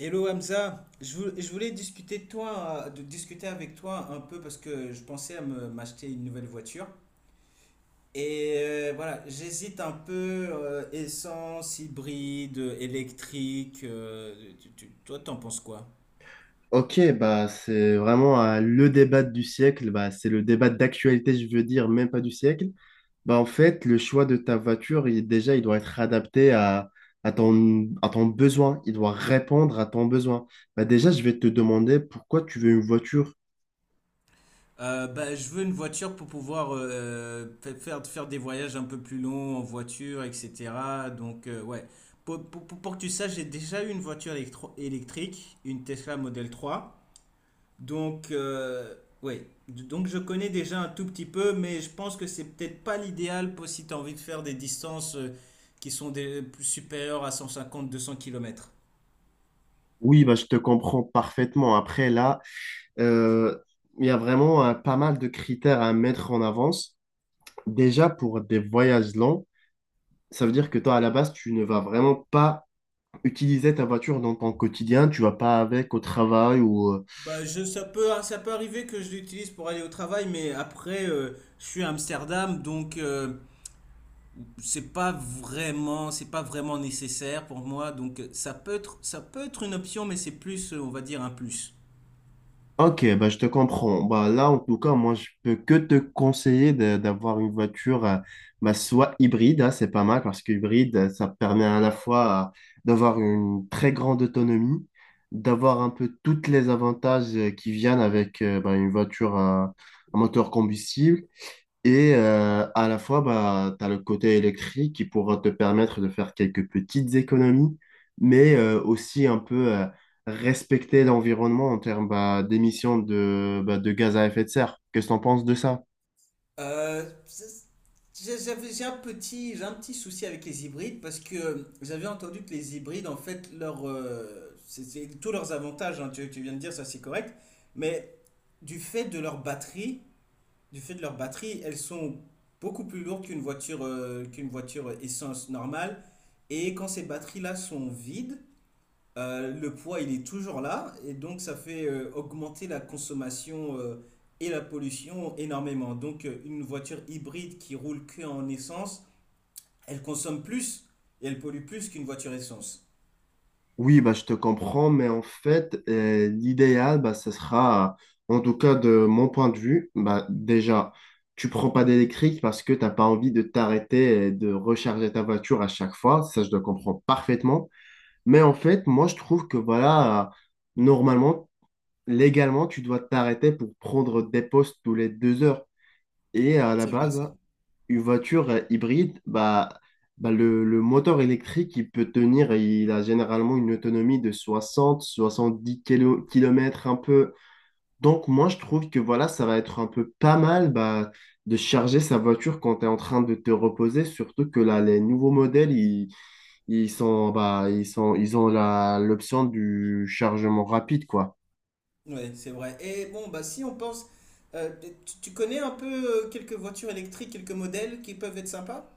Hello Hamza, je voulais discuter de toi, de discuter avec toi un peu parce que je pensais à me m'acheter une nouvelle voiture. Et voilà, j'hésite un peu essence, hybride, électrique. Toi, t'en penses quoi? Ok, bah c'est vraiment le débat du siècle. Bah, c'est le débat d'actualité, je veux dire, même pas du siècle. Bah en fait, le choix de ta voiture, déjà, il doit être adapté à, à ton besoin, il doit répondre à ton besoin. Bah déjà, je vais te demander pourquoi tu veux une voiture. Bah, je veux une voiture pour pouvoir faire des voyages un peu plus longs en voiture, etc. Donc, ouais. Pour que tu saches, j'ai déjà eu une voiture électrique, une Tesla Model 3. Donc, oui. Donc, je connais déjà un tout petit peu, mais je pense que c'est peut-être pas l'idéal pour si tu as envie de faire des distances qui sont plus supérieures à 150-200 kilomètres. Oui, bah je te comprends parfaitement. Après, là, euh, il y a vraiment pas mal de critères à mettre en avance. Déjà, pour des voyages longs, ça veut dire que toi, à la base, tu ne vas vraiment pas utiliser ta voiture dans ton quotidien, tu vas pas avec au travail ou... Bah, ça peut arriver que je l'utilise pour aller au travail, mais après, je suis à Amsterdam, donc c'est pas vraiment nécessaire pour moi. Donc, ça peut être une option, mais c'est plus, on va dire, un plus. Ok, bah, je te comprends. Bah, là, en tout cas, moi, je peux que te d'avoir une voiture bah, soit hybride, hein, c'est pas mal parce que hybride, ça permet à la fois d'avoir une très grande autonomie, d'avoir un peu tous les avantages qui viennent avec bah, une voiture à moteur combustible. Et à la fois, bah, tu as le côté électrique qui pourra te permettre de faire quelques petites économies, mais aussi un peu respecter l'environnement en termes bah, bah, de gaz à effet de serre. Qu'est-ce que tu en penses de ça? Euh, c'est- j'ai un petit souci avec les hybrides parce que j'avais entendu que les hybrides, en fait, c'est tous leurs avantages, hein, tu viens de dire ça, c'est correct, mais du fait de leur batterie, elles sont beaucoup plus lourdes qu'une voiture essence normale. Et quand ces batteries-là sont vides, le poids, il est toujours là, et donc ça fait augmenter la consommation et la pollution énormément. Donc une voiture hybride qui roule que en essence, elle consomme plus et elle pollue plus qu'une voiture essence. Oui, bah, je te comprends, mais en fait, l'idéal, bah, ce sera, en tout cas de mon point de vue, bah, déjà, tu prends pas d'électrique parce que t'as pas envie de t'arrêter et de recharger ta voiture à chaque fois. Ça, je le comprends parfaitement. Mais en fait, moi, je trouve que voilà, normalement, légalement, tu dois t'arrêter pour prendre des postes tous les deux heures. Et à la C'est vrai, base, ça. hein, une voiture hybride, bah, le moteur électrique, il peut tenir, il a généralement une autonomie de 60, 70 kilomètres un peu. Donc, moi, je trouve que voilà, ça va être un peu pas mal bah, de charger sa voiture quand tu es en train de te reposer, surtout que là, les nouveaux modèles, ils sont, ils ont l'option du chargement rapide, quoi. Ouais, c'est vrai. Et bon, bah si on pense, euh, tu connais un peu quelques voitures électriques, quelques modèles qui peuvent être sympas?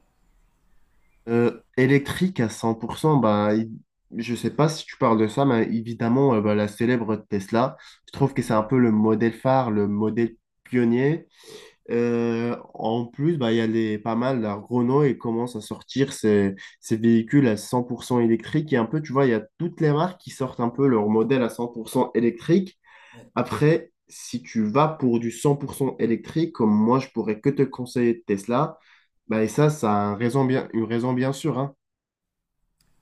Électrique à 100%, je sais pas si tu parles de ça, mais évidemment, bah, la célèbre Tesla, je trouve que c'est un Ouais. peu le modèle phare, le modèle pionnier. En plus, bah, il y a pas mal, la Renault, et commence à sortir ces véhicules à 100% électriques. Et un peu, tu vois, il y a toutes les marques qui sortent un peu leur modèle à 100% électrique. Ouais. Après, si tu vas pour du 100% électrique, comme moi, je pourrais que te conseiller de Tesla, bah, et ça a un raison bien, une raison bien sûre, hein.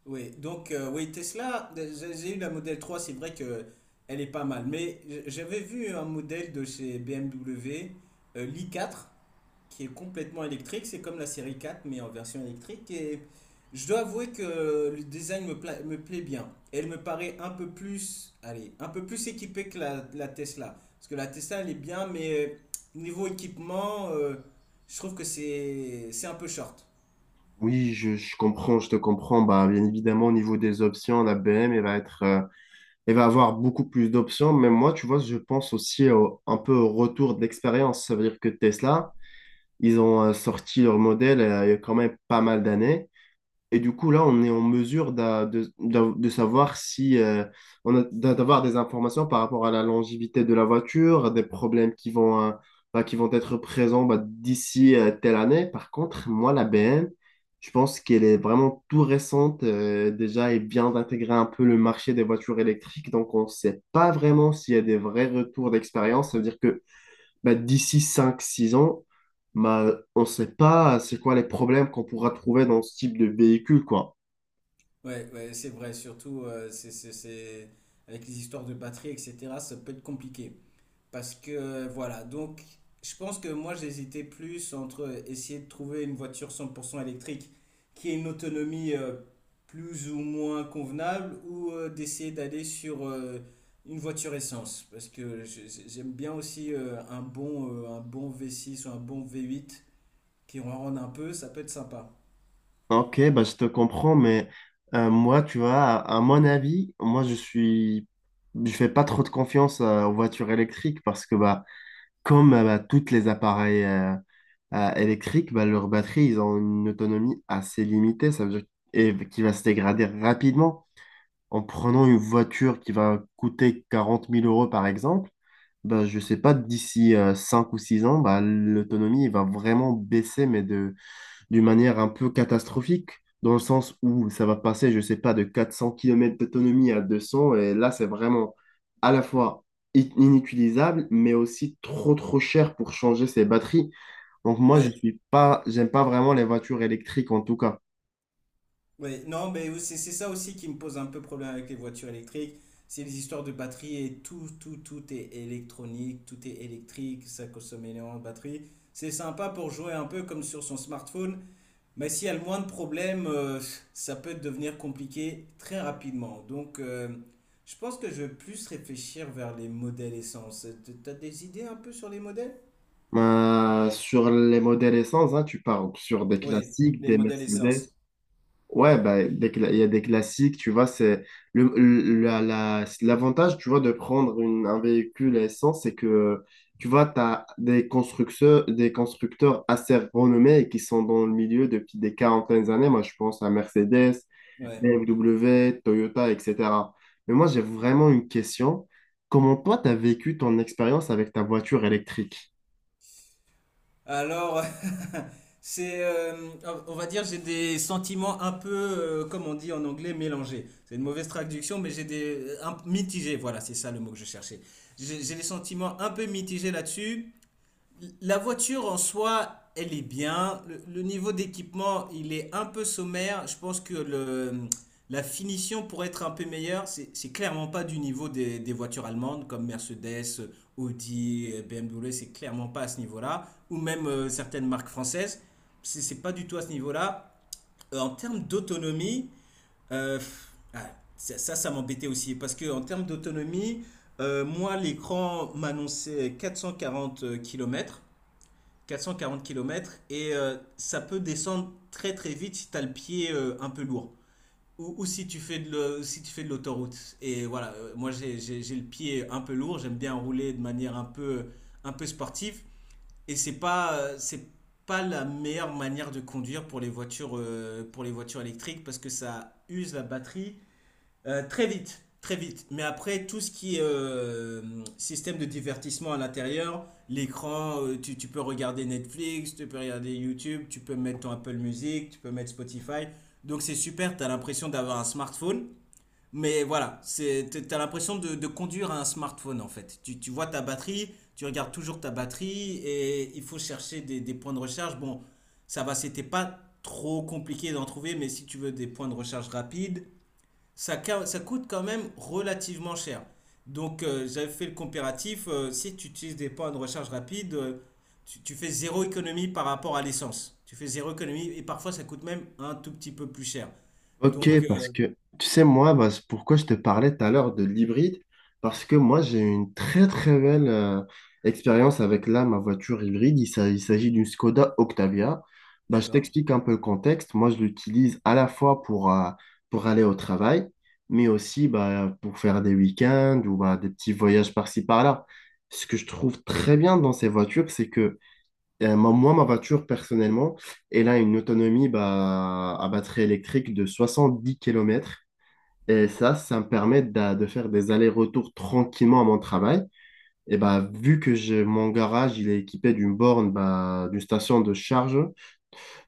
Oui, donc oui, Tesla, j'ai eu la modèle 3, c'est vrai que elle est pas mal, mais j'avais vu un modèle de chez BMW, l'i4, qui est complètement électrique, c'est comme la Série 4 mais en version électrique, et je dois avouer que le design me plaît bien. Elle me paraît un peu plus, allez, un peu plus équipée que la Tesla, parce que la Tesla, elle est bien, mais niveau équipement, je trouve que c'est un peu short. Oui, je comprends, je te comprends. Bah, bien évidemment, au niveau des options, la BM, elle va être, elle va avoir beaucoup plus d'options. Mais moi, tu vois, je pense aussi un peu au retour de l'expérience. Ça veut dire que Tesla, ils ont sorti leur modèle il y a quand même pas mal d'années. Et du coup, là, on est en mesure de savoir si on a d'avoir des informations par rapport à la longévité de la voiture, des problèmes qui vont, bah, qui vont être présents bah, d'ici telle année. Par contre, moi, la BM, je pense qu'elle est vraiment tout récente déjà et vient d'intégrer un peu le marché des voitures électriques. Donc, on ne sait pas vraiment s'il y a des vrais retours d'expérience. Ça veut dire bah, d'ici cinq six ans, bah, on ne sait pas c'est quoi les problèmes qu'on pourra trouver dans ce type de véhicule, quoi. Ouais, ouais, c'est vrai, surtout avec les histoires de batterie, etc., ça peut être compliqué. Parce que voilà, donc je pense que moi j'hésitais plus entre essayer de trouver une voiture 100% électrique qui ait une autonomie plus ou moins convenable ou d'essayer d'aller sur une voiture essence. Parce que j'aime bien aussi un bon V6 ou un bon V8 qui en rende un peu, ça peut être sympa. Ok, bah, je te comprends, mais moi, tu vois, à mon avis, moi, je suis... Je fais pas trop de confiance aux voitures électriques parce que bah, comme bah, toutes les appareils électriques, bah, leurs batteries, ils ont une autonomie assez limitée, ça veut dire et qui va se dégrader rapidement. En prenant une voiture qui va coûter 40 000 euros, par exemple, bah, je sais pas, d'ici 5 ou 6 ans, bah, l'autonomie va vraiment baisser, mais d'une manière un peu catastrophique, dans le sens où ça va passer, je sais pas, de 400 kilomètres d'autonomie à 200 et là, c'est vraiment à la fois inutilisable, mais aussi trop cher pour changer ses batteries. Donc moi, je Ouais. suis pas, j'aime pas vraiment les voitures électriques, en tout cas. Ouais, non, mais c'est ça aussi qui me pose un peu problème avec les voitures électriques. C'est les histoires de batterie et tout est électronique, tout est électrique, ça consomme énormément de batterie. C'est sympa pour jouer un peu comme sur son smartphone, mais s'il y a le moins de problèmes, ça peut devenir compliqué très rapidement. Donc, je pense que je vais plus réfléchir vers les modèles essence. T'as des idées un peu sur les modèles? Ben, sur les modèles essence, hein, tu parles sur des Oui, classiques, les des modèles Mercedes. essence. Ouais, ben, il y a des classiques, tu vois, c'est l'avantage, tu vois, de prendre un véhicule à essence, c'est que, tu vois, tu as des constructeurs assez renommés et qui sont dans le milieu depuis des quarantaines d'années. Moi, je pense à Mercedes, Ouais. BMW, Toyota, etc. Mais moi, j'ai vraiment une question. Comment toi, tu as vécu ton expérience avec ta voiture électrique? Alors, c'est, euh, on va dire, j'ai des sentiments un peu, comme on dit en anglais, mélangés. C'est une mauvaise traduction, mais j'ai des mitigés. Voilà, c'est ça le mot que je cherchais. J'ai des sentiments un peu mitigés là-dessus. La voiture en soi, elle est bien. Le niveau d'équipement, il est un peu sommaire. Je pense que la finition pourrait être un peu meilleure. C'est clairement pas du niveau des voitures allemandes comme Mercedes, Audi, BMW. C'est clairement pas à ce niveau-là. Ou même certaines marques françaises. C'est pas du tout à ce niveau-là. En termes d'autonomie, euh, pff, ah, ça m'embêtait aussi. Parce que en termes d'autonomie, moi, l'écran m'annonçait 440 kilomètres. 440 kilomètres et ça peut descendre très très vite si tu as le pied un peu lourd ou, si tu fais de le- si tu fais de l'autoroute. Et voilà, moi j'ai le pied un peu lourd. J'aime bien rouler de manière un peu sportive, et c'est pas la meilleure manière de conduire pour les voitures électriques parce que ça use la batterie très vite, très vite. Mais après, tout ce qui est système de divertissement à l'intérieur, l'écran, tu peux regarder Netflix, tu peux regarder YouTube, tu peux mettre ton Apple Music, tu peux mettre Spotify. Donc c'est super, tu as l'impression d'avoir un smartphone. Mais voilà, t'as l'impression de conduire un smartphone en fait. Tu vois ta batterie, tu regardes toujours ta batterie et il faut chercher des points de recharge. Bon, ça va, c'était pas trop compliqué d'en trouver, mais si tu veux des points de recharge rapides, ça, ça coûte quand même relativement cher. Donc, j'avais fait le comparatif. Si tu utilises des points de recharge rapide, tu fais zéro économie par rapport à l'essence. Tu fais zéro économie et parfois ça coûte même un tout petit peu plus cher. Ok, Donc, parce euh, que tu sais, moi, bah, c'est pourquoi je te parlais tout à l'heure de l'hybride, parce que moi, j'ai eu une très très belle expérience avec là, ma voiture hybride. Il s'agit d'une Skoda Octavia. Bah, je D'accord. t'explique un peu le contexte. Moi, je l'utilise à la fois pour aller au travail, mais aussi bah, pour faire des week-ends ou bah, des petits voyages par-ci par-là. Ce que je trouve très bien dans ces voitures, c'est que moi, ma voiture, personnellement, elle a une autonomie bah, à batterie électrique de 70 kilomètres. Et ça me permet faire des allers-retours tranquillement à mon travail. Et bah, vu que mon garage, il est équipé d'une borne, bah, d'une station de charge,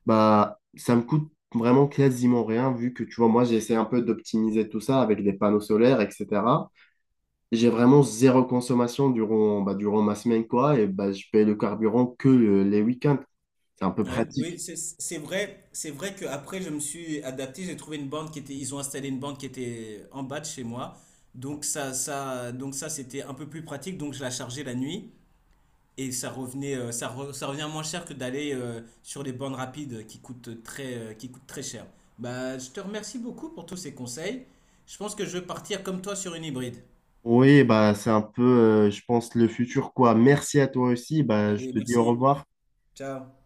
bah, ça me coûte vraiment quasiment rien, vu que, tu vois, moi, j'essaie un peu d'optimiser tout ça avec des panneaux solaires, etc. J'ai vraiment zéro consommation durant, bah, durant ma semaine, quoi. Et bah, je paye le carburant que les week-ends. C'est un peu Ouais, pratique. oui, c'est vrai, que après je me suis adapté, j'ai trouvé une bande qui était, ils ont installé une bande qui était en bas de chez moi, donc ça c'était un peu plus pratique, donc je la chargeais la nuit et ça revenait ça, re- ça revient moins cher que d'aller sur les bornes rapides qui coûtent très cher. Bah, je te remercie beaucoup pour tous ces conseils. Je pense que je vais partir comme toi sur une hybride. Oui, bah, c'est un peu, je pense, le futur, quoi. Merci à toi aussi. Bah, je Allez, te dis au merci. revoir. Ciao.